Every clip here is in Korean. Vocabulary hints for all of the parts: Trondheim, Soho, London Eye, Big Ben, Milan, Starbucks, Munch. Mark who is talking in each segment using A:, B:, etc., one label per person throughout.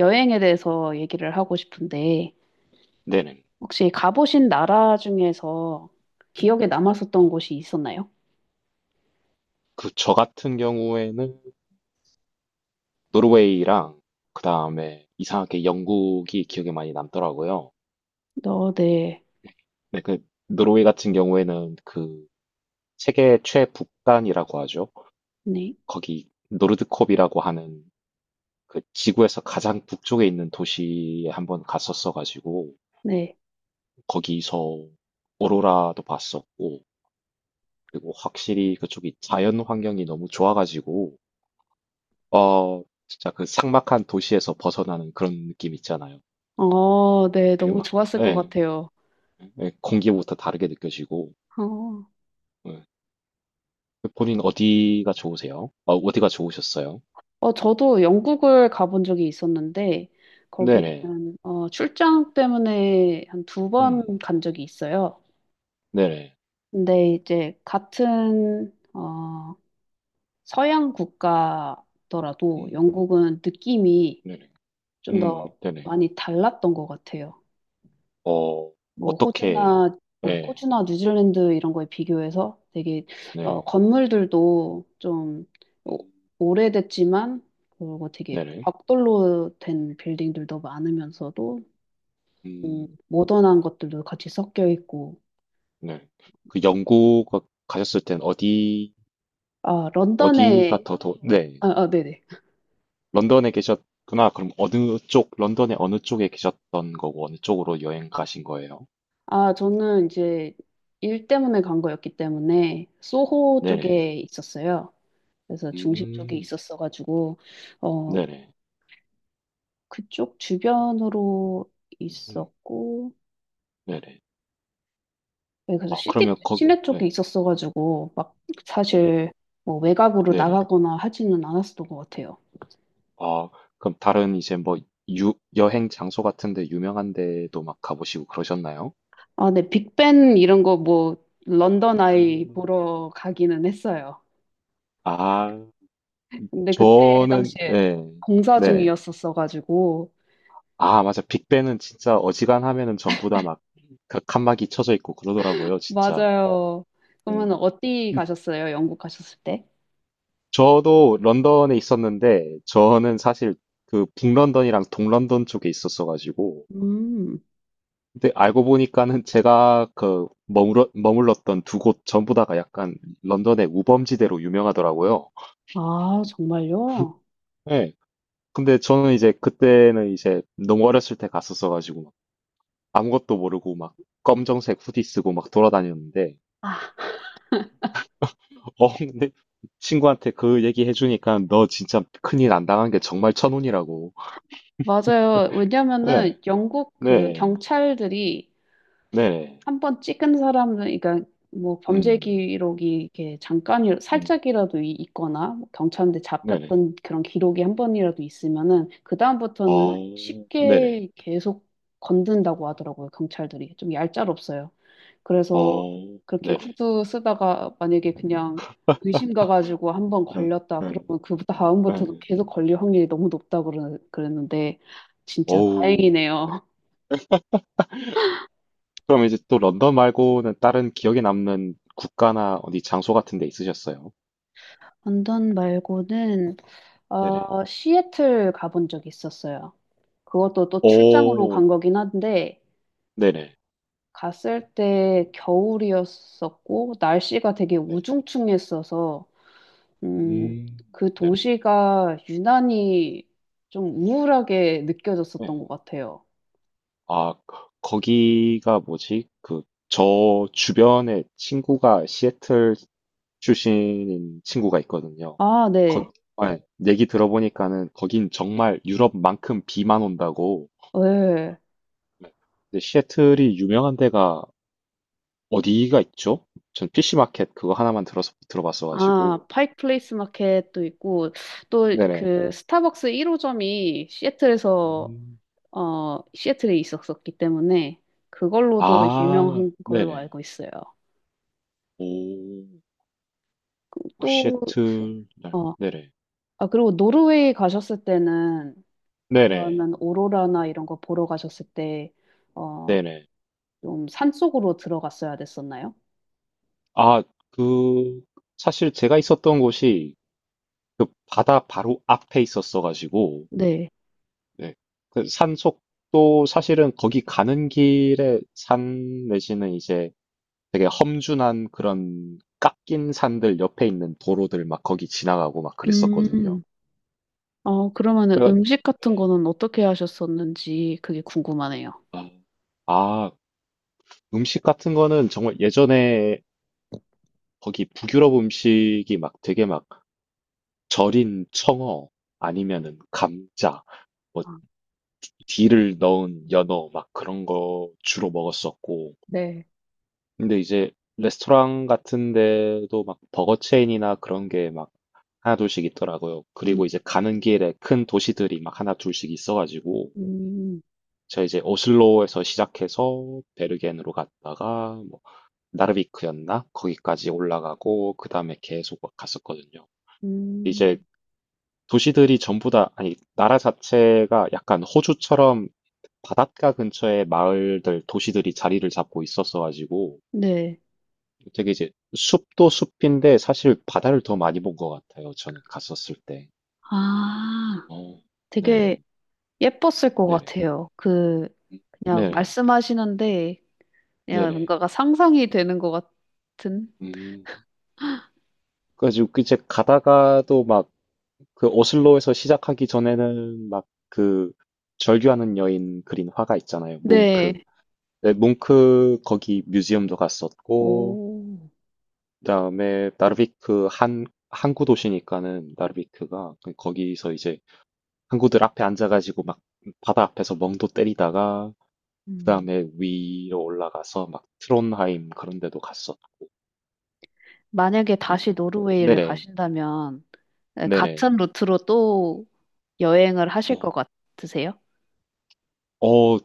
A: 여행에 대해서 얘기를 하고 싶은데,
B: 네네.
A: 혹시 가보신 나라 중에서
B: 음.
A: 기억에 남았었던 곳이 있었나요?
B: 그 저 같은 경우에는 노르웨이랑 그다음에 이상하게 영국이 기억에 많이 남더라고요.
A: 어, 네.
B: 네, 그 노르웨이 같은 경우에는 그 세계 최북단이라고 하죠.
A: 네.
B: 거기 노르드콥이라고 하는 그 지구에서 가장 북쪽에 있는 도시에 한번 갔었어 가지고
A: 네.
B: 거기서 오로라도 봤었고, 그리고 확실히 그쪽이 자연 환경이 너무 좋아 가지고 진짜 그 삭막한 도시에서 벗어나는 그런 느낌 있잖아요.
A: 어, 네.
B: 되게
A: 너무
B: 막,
A: 좋았을 것
B: 예,
A: 같아요.
B: 예, 공기부터 다르게 느껴지고,
A: 어,
B: 예. 본인 어디가 좋으세요? 어디가 좋으셨어요?
A: 저도 영국을 가본 적이 있었는데,
B: 네네,
A: 거기는 출장 때문에 한 두
B: 음,
A: 번 간 적이 있어요.
B: 네네,
A: 근데 이제 같은 서양 국가더라도
B: 음,
A: 영국은 느낌이
B: 네네,
A: 좀 더
B: 네네,
A: 많이 달랐던 것 같아요.
B: 어,
A: 뭐
B: 어떻게,
A: 호주나
B: 예,
A: 호주나 뉴질랜드 이런 거에 비교해서 되게
B: 네네,
A: 건물들도 좀 오-
B: 음,
A: 오래됐지만 그리고 되게
B: 네네,
A: 벽돌로 된 빌딩들도 많으면서도
B: 음,
A: 모던한 것들도 같이 섞여 있고
B: 네. 그 영국 가셨을 땐 어디,
A: 아 런던에
B: 어디가 더, 더, 네,
A: 아, 아 네네
B: 런던에 계셨구나. 그럼 어느 쪽, 런던의 어느 쪽에 계셨던 거고, 어느 쪽으로 여행 가신 거예요?
A: 아 저는 이제 일 때문에 간 거였기 때문에 소호
B: 네네,
A: 쪽에 있었어요. 그래서 중심 쪽에
B: 음.
A: 있었어가지고 어,
B: 네네.
A: 그쪽 주변으로
B: 음.
A: 있었고,
B: 네네.
A: 네, 그래서
B: 아, 그러면 거
A: 시내 쪽에
B: 네.
A: 있었어가지고, 막
B: 음.
A: 사실 뭐 외곽으로
B: 네네.
A: 나가거나 하지는 않았었던 것 같아요.
B: 아, 그럼 다른 이제 뭐 유 여행 장소 같은 데 유명한 데도 막 가 보시고 그러셨나요?
A: 아, 네, 빅벤 이런 거 뭐, 런던 아이
B: 음.
A: 보러 가기는 했어요.
B: 아,
A: 근데 그때
B: 저는
A: 당시에
B: 예.
A: 공사
B: 네네.
A: 중이었었어가지고,
B: 아, 맞아. 빅벤은 진짜 어지간하면은 전부 다 막 그 칸막이 쳐져 있고 그러더라고요, 진짜.
A: 맞아요.
B: 음.
A: 그러면 어디
B: 음.
A: 가셨어요? 영국 가셨을 때?
B: 저도 런던에 있었는데, 저는 사실 그 북런던이랑 동런던 쪽에 있었어 가지고,
A: 음,
B: 근데 알고 보니까는 제가 그 머물렀던 두 곳 전부 다가 약간 런던의 우범지대로 유명하더라고요.
A: 아, 정말요?
B: 예. 근데 저는 이제 그때는 이제 너무 어렸을 때 갔었어가지고 막 아무것도 모르고 막 검정색 후디 쓰고 막 돌아다녔는데,
A: 아,
B: 근데 친구한테 그 얘기 해주니까 너 진짜 큰일 안 당한 게 정말 천운이라고.
A: 맞아요.
B: 네,
A: 왜냐면은 영국 그
B: 네,
A: 경찰들이
B: 네,
A: 한 번 찍은 사람은, 그러니까 뭐 범죄
B: 음,
A: 기록이 이렇게 잠깐이
B: 음,
A: 살짝이라도 있거나 뭐 경찰한테
B: 네네,
A: 잡혔던 그런 기록이 한 번이라도 있으면은 그 다음부터는
B: 어, 네네,
A: 쉽게 계속 건든다고 하더라고요. 경찰들이 좀 얄짤없어요. 그래서
B: 어,
A: 그렇게
B: 네네,
A: 후드 쓰다가 만약에 그냥 의심 가가지고 한 번
B: 응,
A: 걸렸다
B: 응,
A: 그러면 그 다음부터도
B: 응.
A: 계속 걸릴 확률이 너무 높다고 그랬는데 진짜
B: 어우.
A: 다행이네요.
B: 그럼 이제 또 런던 말고는 다른 기억에 남는 국가나 어디 장소 같은 데 있으셨어요?
A: 언던 말고는
B: 네네.
A: 어, 시애틀 가본 적 있었어요. 그것도 또 출장으로 간
B: 오,
A: 거긴 한데,
B: 네네.
A: 갔을 때 겨울이었었고, 날씨가 되게
B: 네.
A: 우중충했어서, 음,
B: 음,
A: 그
B: 네네.
A: 도시가 유난히 좀 우울하게 느껴졌었던
B: 네.
A: 것 같아요.
B: 아, 거기가 뭐지? 그, 저 주변에 친구가 시애틀 출신인 친구가 있거든요.
A: 아, 네.
B: 거, 아, 얘기 들어보니까는 거긴 정말 유럽만큼 비만 온다고.
A: 네.
B: 네. 근데 시애틀이 유명한 데가 어디가 있죠? 전 PC 마켓 그거 하나만 들어서 들어봤어가지고.
A: 아, 파이크 플레이스 마켓도 있고, 또
B: 네네.
A: 그 스타벅스 1호점이
B: 음,
A: 시애틀에 있었었기 때문에 그걸로도
B: 아,
A: 유명한 걸로
B: 네네.
A: 알고 있어요.
B: 오,
A: 그
B: 오,
A: 또,
B: 시애틀,
A: 어,
B: 네네.
A: 아, 그리고 노르웨이 가셨을 때는
B: 네네.
A: 그러면 오로라나 이런 거 보러 가셨을 때, 어,
B: 네네.
A: 좀 산속으로 들어갔어야 됐었나요?
B: 아, 그, 사실 제가 있었던 곳이 그 바다 바로 앞에 있었어가지고,
A: 네.
B: 네. 그 산속도 사실은 거기 가는 길에 산 내지는 이제 되게 험준한 그런 깎인 산들 옆에 있는 도로들 막 거기 지나가고 막 그랬었거든요.
A: 음, 어, 그러면은
B: 그래가-
A: 음식 같은 거는 어떻게 하셨었는지 그게 궁금하네요.
B: 아, 아, 음식 같은 거는 정말 예전에 거기 북유럽 음식이 막 되게 막 절인 청어 아니면은 감자, 뭐
A: 아,
B: 딜을 넣은 연어 막 그런 거 주로 먹었었고,
A: 네.
B: 근데 이제 레스토랑 같은 데도 막 버거 체인이나 그런 게 막 하나 둘씩 있더라고요.
A: 음,
B: 그리고 이제 가는 길에 큰 도시들이 막 하나 둘씩 있어가지고
A: 음,
B: 제가 이제 오슬로에서 시작해서 베르겐으로 갔다가 뭐 나르비크였나? 거기까지 올라가고 그 다음에 계속 막 갔었거든요.
A: 음,
B: 이제 도시들이 전부 다, 아니, 나라 자체가 약간 호주처럼 바닷가 근처에 마을들 도시들이 자리를 잡고 있었어가지고
A: 네.
B: 되게 이제 숲도 숲인데 사실 바다를 더 많이 본 것 같아요. 저는 갔었을 때.
A: 아,
B: 어,
A: 되게
B: 네,
A: 예뻤을 것
B: 네네,
A: 같아요. 그, 그냥
B: 네,
A: 말씀하시는데, 그냥
B: 네네.
A: 뭔가가 상상이 되는 것 같은?
B: 음, 그래가지고 그 이제 가다가도 막 그 오슬로에서 시작하기 전에는 막 그 절규하는 여인 그린 화가 있잖아요. 뭉크.
A: 네.
B: 네, 뭉크 거기 뮤지엄도 갔었고,
A: 오.
B: 그다음에 나르비크 한 항구 도시니까는 나르비크가 그 거기서 이제 항구들 앞에 앉아가지고 막 바다 앞에서 멍도 때리다가 그
A: 음.
B: 다음에 위로 올라가서 막 트론하임 그런 데도 갔었고.
A: 만약에 다시
B: 그리고
A: 노르웨이를
B: 네네.
A: 가신다면, 네,
B: 네네.
A: 같은 루트로 또 여행을
B: 어
A: 하실 것 같으세요?
B: 어,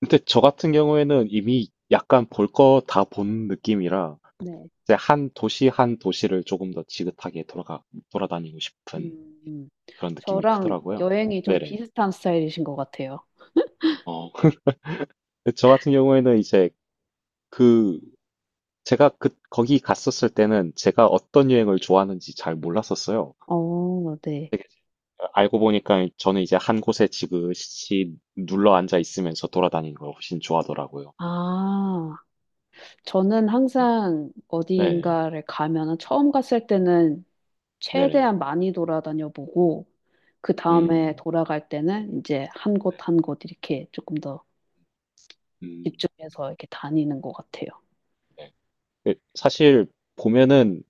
B: 근데 저 같은 경우에는 이미 약간 볼 거 다 본 느낌이라
A: 네.
B: 이제 한 도시 한 도시를 조금 더 지긋하게 돌아가 돌아다니고 싶은
A: 음,
B: 그런 느낌이
A: 저랑
B: 크더라고요.
A: 여행이 좀
B: 네네.
A: 비슷한 스타일이신 것 같아요.
B: 어, 근데 저 같은 경우에는 이제 그 제가 그 거기 갔었을 때는 제가 어떤 여행을 좋아하는지 잘 몰랐었어요.
A: 어, 네.
B: 되게 알고 보니까 저는 이제 한 곳에 지그시 눌러 앉아 있으면서 돌아다니는 걸 훨씬 좋아하더라고요.
A: 아, 저는
B: 음,
A: 항상
B: 네,
A: 어디인가를 가면은 처음 갔을 때는
B: 네네.
A: 최대한 많이 돌아다녀 보고 그 다음에
B: 음,
A: 돌아갈 때는 이제 한 곳 한 곳 이렇게 조금 더
B: 음,
A: 집중해서 이렇게 다니는 것 같아요.
B: 네. 근데 사실 보면은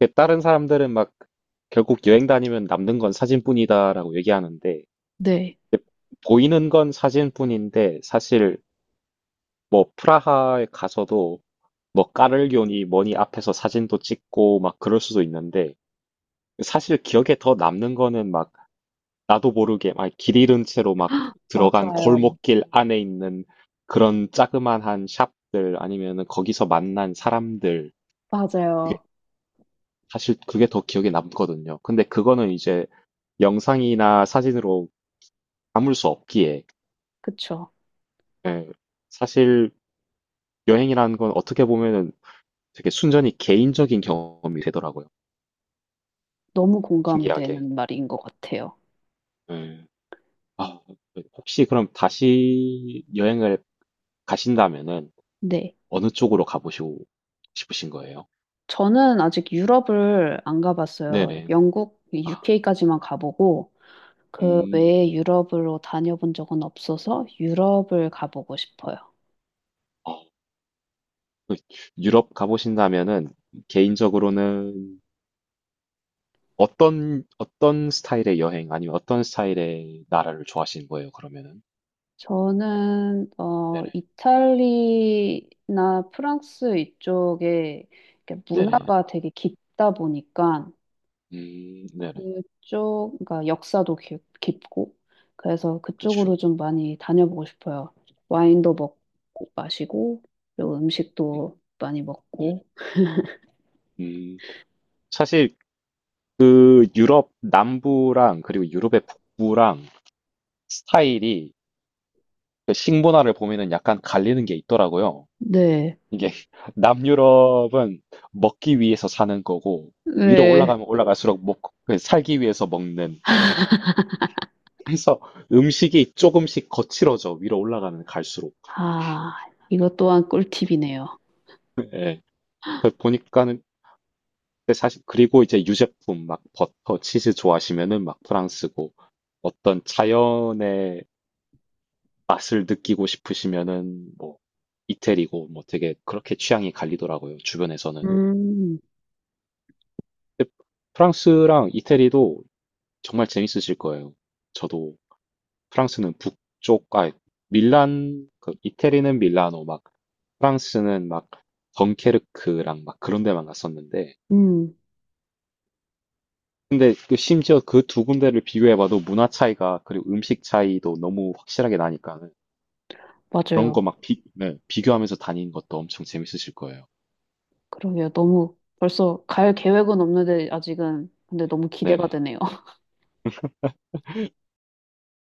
B: 이렇게 다른 사람들은 막 결국 여행 다니면 남는 건 사진뿐이다라고 얘기하는데,
A: 네,
B: 보이는 건 사진뿐인데 사실 뭐 프라하에 가서도 뭐 까르기교니 뭐니 앞에서 사진도 찍고 막 그럴 수도 있는데 사실 기억에 더 남는 거는 막 나도 모르게 막 길 잃은 채로 막 들어간
A: 맞아요.
B: 골목길 안에 있는 그런 자그마한 샵들 아니면은 거기서 만난 사람들, 그게
A: 맞아요.
B: 사실 그게 더 기억에 남거든요. 근데 그거는 이제 영상이나 사진으로 담을 수 없기에,
A: 그쵸.
B: 예, 사실 여행이라는 건 어떻게 보면은 되게 순전히 개인적인 경험이 되더라고요.
A: 너무
B: 신기하게.
A: 공감되는 말인 것 같아요.
B: 예. 아, 네. 혹시 그럼 다시 여행을 가신다면은
A: 네.
B: 어느 쪽으로 가보시고 싶으신 거예요?
A: 저는 아직 유럽을 안 가봤어요.
B: 네네.
A: 영국, UK까지만 가보고 그
B: 음,
A: 외에 유럽으로 다녀본 적은 없어서 유럽을 가보고 싶어요.
B: 어, 그 유럽 가보신다면은 개인적으로는 어떤, 어떤 스타일의 여행 아니면 어떤 스타일의 나라를 좋아하시는 거예요, 그러면은?
A: 저는 어
B: 네네.
A: 이탈리나 프랑스 이쪽에 이렇게
B: 네네.
A: 문화가 되게 깊다 보니까
B: 네네.
A: 그쪽 그러니까 역사도 깊고 그래서
B: 그쵸.
A: 그쪽으로 좀 많이 다녀보고 싶어요. 와인도 먹고 마시고 그리고
B: 음,
A: 음식도 많이
B: 네네.
A: 먹고
B: 음, 사실 그 유럽 남부랑 그리고 유럽의 북부랑 스타일이 그 식문화를 보면은 약간 갈리는 게 있더라고요.
A: 네.
B: 이게 남유럽은 먹기 위해서 사는 거고 위로
A: 네.
B: 올라가면 올라갈수록 먹, 그 살기 위해서 먹는, 그래서 음식이 조금씩 거칠어져 위로 올라가면 갈수록.
A: 아, 이것 또한 꿀팁이네요.
B: 예. 그 보니까는 근데 사실 그리고 이제 유제품 막 버터, 치즈 좋아하시면은 막 프랑스고 어떤 자연의 맛을 느끼고 싶으시면은 뭐 이태리고 뭐 되게 그렇게 취향이 갈리더라고요. 주변에서는.
A: 음,
B: 근데 프랑스랑 이태리도 정말 재밌으실 거예요. 저도 프랑스는 북쪽, 아, 밀란, 그 이태리는 밀라노, 막 프랑스는 막 덩케르크랑 막 그런 데만 갔었는데,
A: 음,
B: 근데 그 심지어 그 두 군데를 비교해봐도 문화 차이가, 그리고 음식 차이도 너무 확실하게 나니까는 그런
A: 맞아요.
B: 거 막 비, 네, 비교하면서 다니는 것도 엄청 재밌으실 거예요.
A: 그러게요. 너무 벌써 갈 계획은 없는데 아직은 근데
B: 네.
A: 너무 기대가
B: 네네.
A: 되네요.